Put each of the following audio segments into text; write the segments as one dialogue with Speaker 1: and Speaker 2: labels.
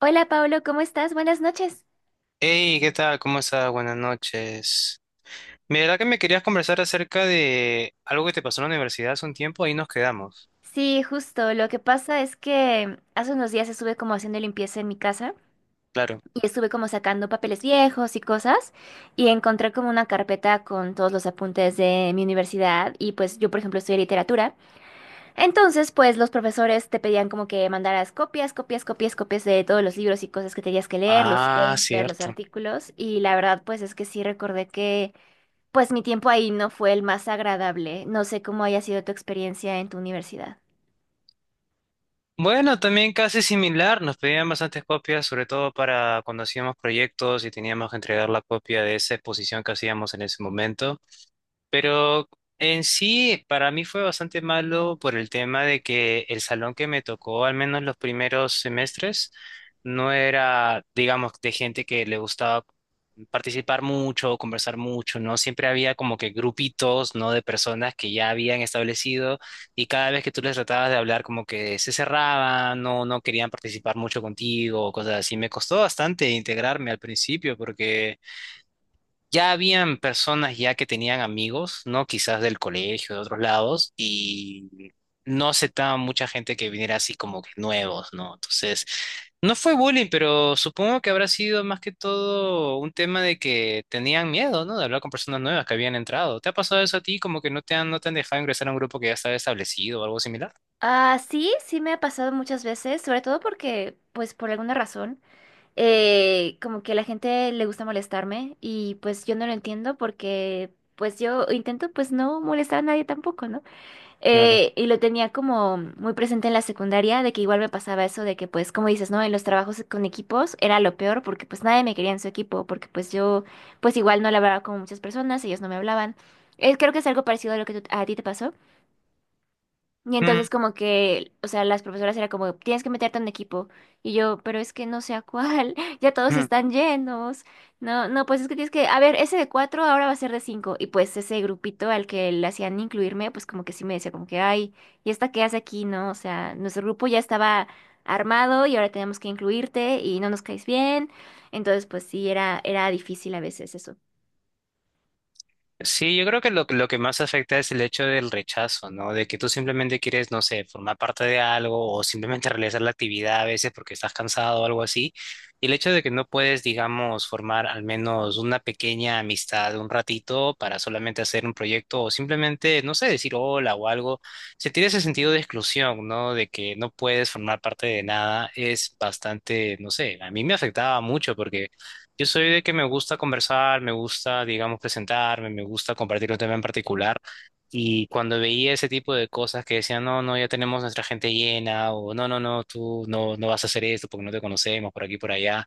Speaker 1: Hola Pablo, ¿cómo estás? Buenas noches.
Speaker 2: Hey, ¿qué tal? ¿Cómo estás? Buenas noches. Mira que me querías conversar acerca de algo que te pasó en la universidad hace un tiempo, ahí nos quedamos.
Speaker 1: Sí, justo. Lo que pasa es que hace unos días estuve como haciendo limpieza en mi casa
Speaker 2: Claro.
Speaker 1: y estuve como sacando papeles viejos y cosas y encontré como una carpeta con todos los apuntes de mi universidad y pues yo, por ejemplo, estudié literatura. Entonces pues los profesores te pedían como que mandaras copias de todos los libros y cosas que tenías que leer, los
Speaker 2: Ah,
Speaker 1: papers, los
Speaker 2: cierto.
Speaker 1: artículos, y la verdad pues es que sí recordé que pues mi tiempo ahí no fue el más agradable. No sé cómo haya sido tu experiencia en tu universidad.
Speaker 2: Bueno, también casi similar, nos pedían bastantes copias, sobre todo para cuando hacíamos proyectos y teníamos que entregar la copia de esa exposición que hacíamos en ese momento. Pero en sí, para mí fue bastante malo por el tema de que el salón que me tocó, al menos los primeros semestres, no era, digamos, de gente que le gustaba participar mucho, conversar mucho, ¿no? Siempre había como que grupitos, ¿no? De personas que ya habían establecido y cada vez que tú les tratabas de hablar como que se cerraban, no, no querían participar mucho contigo, o cosas así. Me costó bastante integrarme al principio porque... Ya habían personas ya que tenían amigos, ¿no? Quizás del colegio, de otros lados, y no aceptaban mucha gente que viniera así como que nuevos, ¿no? Entonces, no fue bullying, pero supongo que habrá sido más que todo un tema de que tenían miedo, ¿no? De hablar con personas nuevas que habían entrado. ¿Te ha pasado eso a ti? Como que no te han dejado ingresar a un grupo que ya estaba establecido o algo similar.
Speaker 1: Ah, sí, sí me ha pasado muchas veces, sobre todo porque, pues por alguna razón, como que a la gente le gusta molestarme y pues yo no lo entiendo porque pues yo intento pues no molestar a nadie tampoco, ¿no?
Speaker 2: Claro.
Speaker 1: Y lo tenía como muy presente en la secundaria, de que igual me pasaba eso, de que pues, como dices, ¿no? En los trabajos con equipos era lo peor porque pues nadie me quería en su equipo, porque pues yo pues igual no le hablaba con muchas personas, ellos no me hablaban. Creo que es algo parecido a lo que a ti te pasó. Y
Speaker 2: Mm,
Speaker 1: entonces como que, o sea, las profesoras era como, tienes que meterte en un equipo. Y yo, pero es que no sé a cuál, ya todos
Speaker 2: mm.
Speaker 1: están llenos. No, no, pues es que tienes que, a ver, ese de cuatro ahora va a ser de cinco. Y pues ese grupito al que le hacían incluirme, pues como que sí me decía como que, ay, ¿y esta qué hace aquí? No, o sea, nuestro grupo ya estaba armado y ahora tenemos que incluirte y no nos caes bien. Entonces, pues sí, era difícil a veces eso.
Speaker 2: Sí, yo creo que lo que más afecta es el hecho del rechazo, ¿no? De que tú simplemente quieres, no sé, formar parte de algo o simplemente realizar la actividad a veces porque estás cansado o algo así. Y el hecho de que no puedes, digamos, formar al menos una pequeña amistad un ratito para solamente hacer un proyecto o simplemente, no sé, decir hola o algo, sentir ese sentido de exclusión, ¿no? De que no puedes formar parte de nada es bastante, no sé, a mí me afectaba mucho porque... Yo soy de que me gusta conversar, me gusta, digamos, presentarme, me gusta compartir un tema en particular. Y cuando veía ese tipo de cosas que decían, no, no, ya tenemos nuestra gente llena, o no, no, no, tú no, no vas a hacer esto porque no te conocemos por aquí, por allá,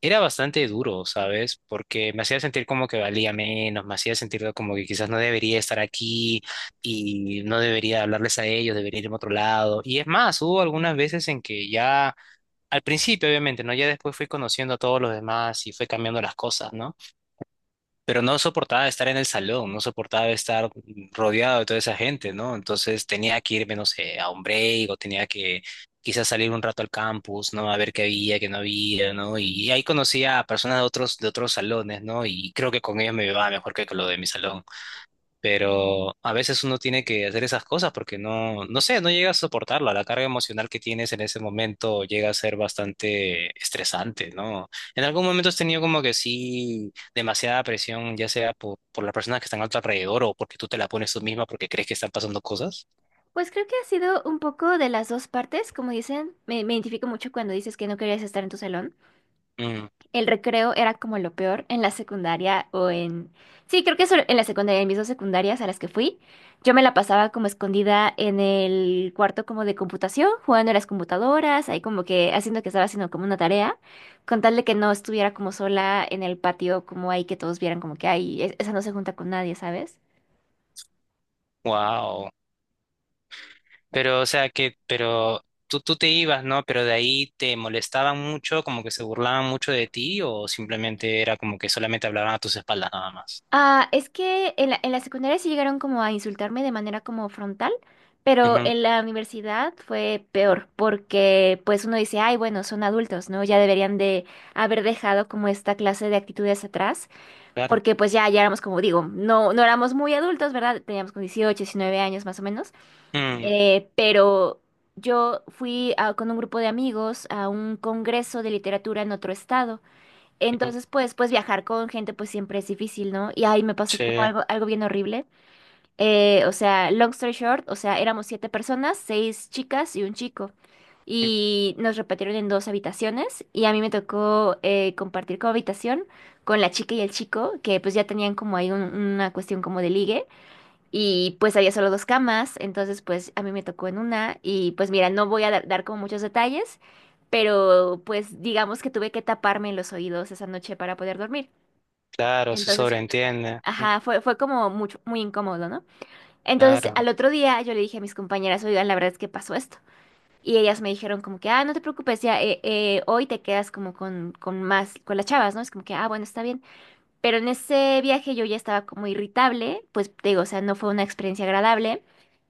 Speaker 2: era bastante duro, ¿sabes? Porque me hacía sentir como que valía menos, me hacía sentir como que quizás no debería estar aquí y no debería hablarles a ellos, debería irme a otro lado. Y es más, hubo algunas veces en que ya al principio, obviamente, ¿no? Ya después fui conociendo a todos los demás y fue cambiando las cosas, ¿no? Pero no soportaba estar en el salón, no soportaba estar rodeado de toda esa gente, ¿no? Entonces tenía que irme, no sé, a un break o tenía que quizás salir un rato al campus, ¿no? A ver qué había, qué no había, ¿no? Y ahí conocía a personas de otros salones, ¿no? Y creo que con ellos me iba mejor que con lo de mi salón. Pero a veces uno tiene que hacer esas cosas porque no, no sé, no llega a soportarla. La carga emocional que tienes en ese momento llega a ser bastante estresante, ¿no? En algún momento has tenido como que sí, demasiada presión, ya sea por las personas que están a tu alrededor o porque tú te la pones tú misma porque crees que están pasando cosas.
Speaker 1: Pues creo que ha sido un poco de las dos partes. Como dicen, me identifico mucho cuando dices que no querías estar en tu salón.
Speaker 2: Mm,
Speaker 1: El recreo era como lo peor en la secundaria o en… Sí, creo que solo en la secundaria, en mis dos secundarias a las que fui, yo me la pasaba como escondida en el cuarto como de computación, jugando a las computadoras, ahí como que haciendo que estaba haciendo como una tarea, con tal de que no estuviera como sola en el patio, como ahí que todos vieran como que, ay, esa no se junta con nadie, ¿sabes?
Speaker 2: wow. Pero, o sea, que, pero tú te ibas, ¿no? Pero de ahí te molestaban mucho, como que se burlaban mucho de ti o simplemente era como que solamente hablaban a tus espaldas nada más.
Speaker 1: Ah, es que en en la secundaria sí llegaron como a insultarme de manera como frontal, pero
Speaker 2: Ujú,
Speaker 1: en la universidad fue peor, porque pues uno dice, ay, bueno, son adultos, ¿no? Ya deberían de haber dejado como esta clase de actitudes atrás,
Speaker 2: claro.
Speaker 1: porque pues ya, ya éramos, como digo, no, no éramos muy adultos, ¿verdad? Teníamos como 18 19 años más o menos,
Speaker 2: Mm,
Speaker 1: pero yo con un grupo de amigos a un congreso de literatura en otro estado.
Speaker 2: mm,
Speaker 1: Entonces, pues viajar con gente pues siempre es difícil, ¿no? Y ahí me pasó
Speaker 2: sí,
Speaker 1: como algo, algo bien horrible. O sea, long story short, o sea, éramos siete personas, seis chicas y un chico.
Speaker 2: mm,
Speaker 1: Y nos repartieron en dos habitaciones y a mí me tocó compartir como habitación con la chica y el chico, que pues ya tenían como ahí una cuestión como de ligue. Y pues había solo dos camas, entonces pues a mí me tocó en una y pues mira, no voy a dar como muchos detalles, pero pues digamos que tuve que taparme los oídos esa noche para poder dormir.
Speaker 2: claro, se
Speaker 1: Entonces,
Speaker 2: sobreentiende. Mm,
Speaker 1: ajá, fue como mucho, muy incómodo, ¿no? Entonces,
Speaker 2: claro.
Speaker 1: al otro día yo le dije a mis compañeras, oigan, la verdad es que pasó esto. Y ellas me dijeron como que, ah, no te preocupes, ya hoy te quedas como con más, con las chavas, ¿no? Es como que, ah, bueno, está bien. Pero en ese viaje yo ya estaba como irritable, pues te digo, o sea, no fue una experiencia agradable.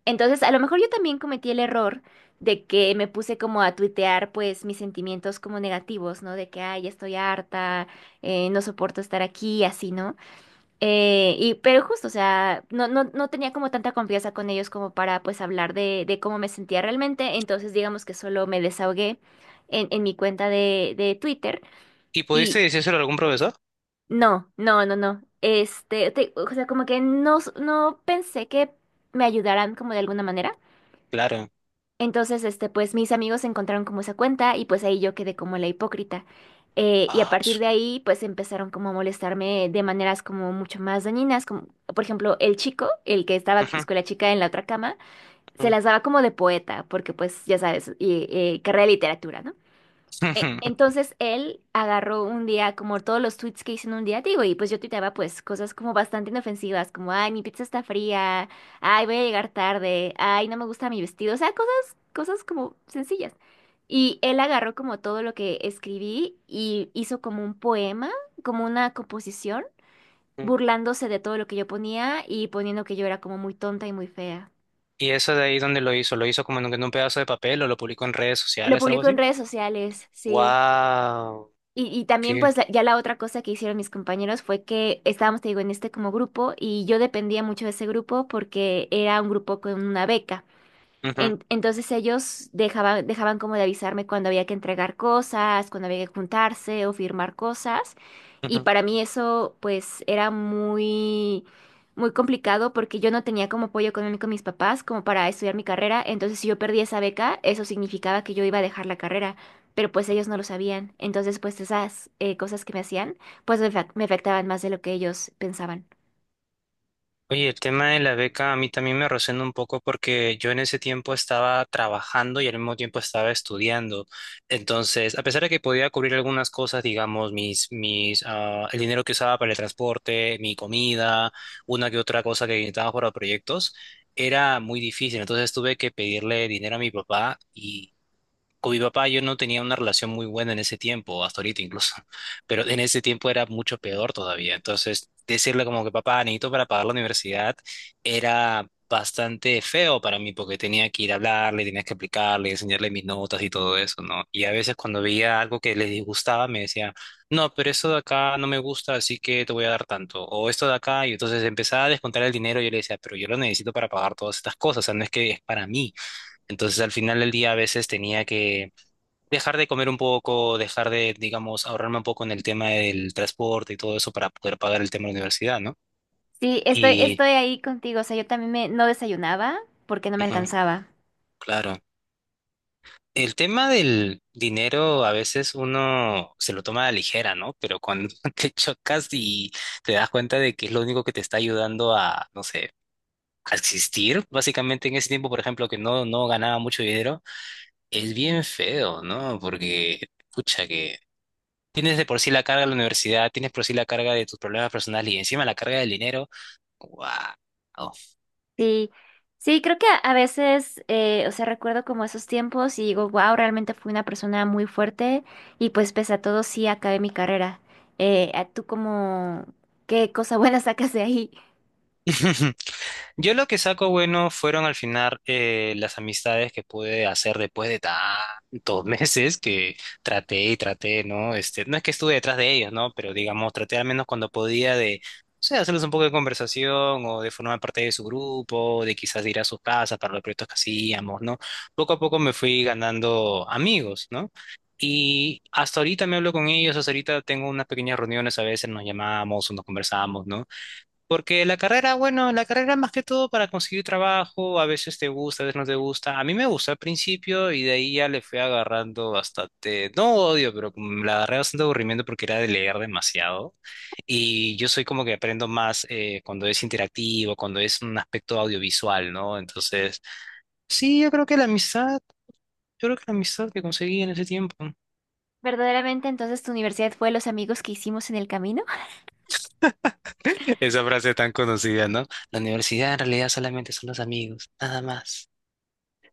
Speaker 1: Entonces, a lo mejor yo también cometí el error de que me puse como a tuitear pues mis sentimientos como negativos, ¿no? De que, ay, ya estoy harta, no soporto estar aquí, así, ¿no? Pero justo, o sea, no tenía como tanta confianza con ellos como para pues hablar de cómo me sentía realmente, entonces digamos que solo me desahogué en mi cuenta de Twitter
Speaker 2: ¿Y pudiste
Speaker 1: y
Speaker 2: decírselo a algún profesor?
Speaker 1: no, no, no, no. Este, o sea, como que no, no pensé que me ayudaran como de alguna manera.
Speaker 2: Claro.
Speaker 1: Entonces, este, pues mis amigos encontraron como esa cuenta y pues ahí yo quedé como la hipócrita. Y a
Speaker 2: Ah,
Speaker 1: partir
Speaker 2: su
Speaker 1: de
Speaker 2: me-
Speaker 1: ahí, pues empezaron como a molestarme de maneras como mucho más dañinas, como por ejemplo el chico, el que estaba pues
Speaker 2: Ujú,
Speaker 1: con la chica en la otra cama, se
Speaker 2: ujú.
Speaker 1: las daba como de poeta, porque pues ya sabes, carrera de literatura, ¿no? E- Entonces él agarró un día como todos los tweets que hice en un día, digo, y pues yo tuiteaba pues cosas como bastante inofensivas, como, ay, mi pizza está fría, ay, voy a llegar tarde, ay, no me gusta mi vestido, o sea, cosas como sencillas. Y él agarró como todo lo que escribí y hizo como un poema, como una composición,
Speaker 2: Ujú.
Speaker 1: burlándose de todo lo que yo ponía y poniendo que yo era como muy tonta y muy fea.
Speaker 2: ¿Y eso de ahí dónde lo hizo? ¿Lo hizo como en un pedazo de papel o lo publicó en redes
Speaker 1: Lo
Speaker 2: sociales, algo
Speaker 1: publicó en
Speaker 2: así?
Speaker 1: redes sociales, sí.
Speaker 2: Wow,
Speaker 1: Y también
Speaker 2: qué.
Speaker 1: pues ya la otra cosa que hicieron mis compañeros fue que estábamos, te digo, en este como grupo y yo dependía mucho de ese grupo porque era un grupo con una beca.
Speaker 2: Ujú,
Speaker 1: En- entonces ellos dejaban como de avisarme cuando había que entregar cosas, cuando había que juntarse o firmar cosas. Y
Speaker 2: ujú.
Speaker 1: para mí eso pues era muy, muy complicado porque yo no tenía como apoyo económico de mis papás como para estudiar mi carrera. Entonces si yo perdía esa beca, eso significaba que yo iba a dejar la carrera, pero pues ellos no lo sabían. Entonces pues esas cosas que me hacían pues me, me afectaban más de lo que ellos pensaban.
Speaker 2: Oye, el tema de la beca a mí también me resuena un poco porque yo en ese tiempo estaba trabajando y al mismo tiempo estaba estudiando. Entonces, a pesar de que podía cubrir algunas cosas, digamos, mis el dinero que usaba para el transporte, mi comida, una que otra cosa que necesitaba para proyectos, era muy difícil. Entonces tuve que pedirle dinero a mi papá y con mi papá yo no tenía una relación muy buena en ese tiempo, hasta ahorita incluso, pero en ese tiempo era mucho peor todavía. Entonces, decirle como que papá, necesito para pagar la universidad, era bastante feo para mí porque tenía que ir a hablarle, tenía que explicarle, enseñarle mis notas y todo eso, ¿no? Y a veces cuando veía algo que les disgustaba, me decía, no, pero esto de acá no me gusta, así que te voy a dar tanto, o esto de acá, y entonces empezaba a descontar el dinero y yo le decía, pero yo lo necesito para pagar todas estas cosas, o sea, no es que es para mí. Entonces, al final del día a veces tenía que dejar de comer un poco, dejar de, digamos, ahorrarme un poco en el tema del transporte y todo eso para poder pagar el tema de la universidad, ¿no?
Speaker 1: Sí,
Speaker 2: Y,
Speaker 1: estoy ahí contigo. O sea, yo también me, no desayunaba porque no me
Speaker 2: ujú,
Speaker 1: alcanzaba.
Speaker 2: claro. El tema del dinero a veces uno se lo toma a la ligera, ¿no? Pero cuando te chocas y te das cuenta de que es lo único que te está ayudando a, no sé, a existir, básicamente en ese tiempo, por ejemplo, que no ganaba mucho dinero, es bien feo, ¿no? Porque, pucha, que tienes de por sí la carga de la universidad, tienes por sí la carga de tus problemas personales y encima la carga del dinero. ¡Wow!
Speaker 1: Sí, sí, creo que a veces, o sea, recuerdo como esos tiempos y digo, wow, realmente fui una persona muy fuerte y pues pese a todo sí acabé mi carrera. ¿A ¿Tú como qué cosa buena sacas de ahí?
Speaker 2: Yo lo que saco bueno fueron al final las amistades que pude hacer después de tantos meses que traté y traté, ¿no? Este, no es que estuve detrás de ellos, ¿no? Pero digamos, traté al menos cuando podía de, o sea, hacerles un poco de conversación o de formar parte de su grupo, de quizás ir a sus casas para los proyectos que hacíamos, ¿no? Poco a poco me fui ganando amigos, ¿no? Y hasta ahorita me hablo con ellos, hasta ahorita tengo unas pequeñas reuniones, a veces nos llamamos o nos conversamos, ¿no? Porque la carrera, bueno, la carrera más que todo para conseguir trabajo, a veces te gusta, a veces no te gusta. A mí me gustó al principio y de ahí ya le fui agarrando bastante, no odio, pero como la agarré bastante aburrimiento porque era de leer demasiado. Y yo soy como que aprendo más cuando es interactivo, cuando es un aspecto audiovisual, ¿no? Entonces, sí, yo creo que la amistad, yo creo que la amistad que conseguí en ese tiempo.
Speaker 1: ¿Verdaderamente entonces tu universidad fue los amigos que hicimos en el camino?
Speaker 2: Esa frase tan conocida, ¿no? La universidad en realidad solamente son los amigos, nada más,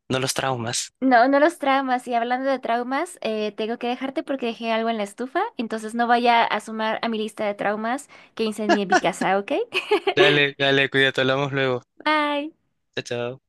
Speaker 2: no los traumas.
Speaker 1: No, no los traumas. Y hablando de traumas, tengo que dejarte porque dejé algo en la estufa, entonces no vaya a sumar a mi lista de traumas que incendié mi casa, ¿ok?
Speaker 2: Dale, dale, cuídate, hablamos luego.
Speaker 1: Bye.
Speaker 2: Chao, chao.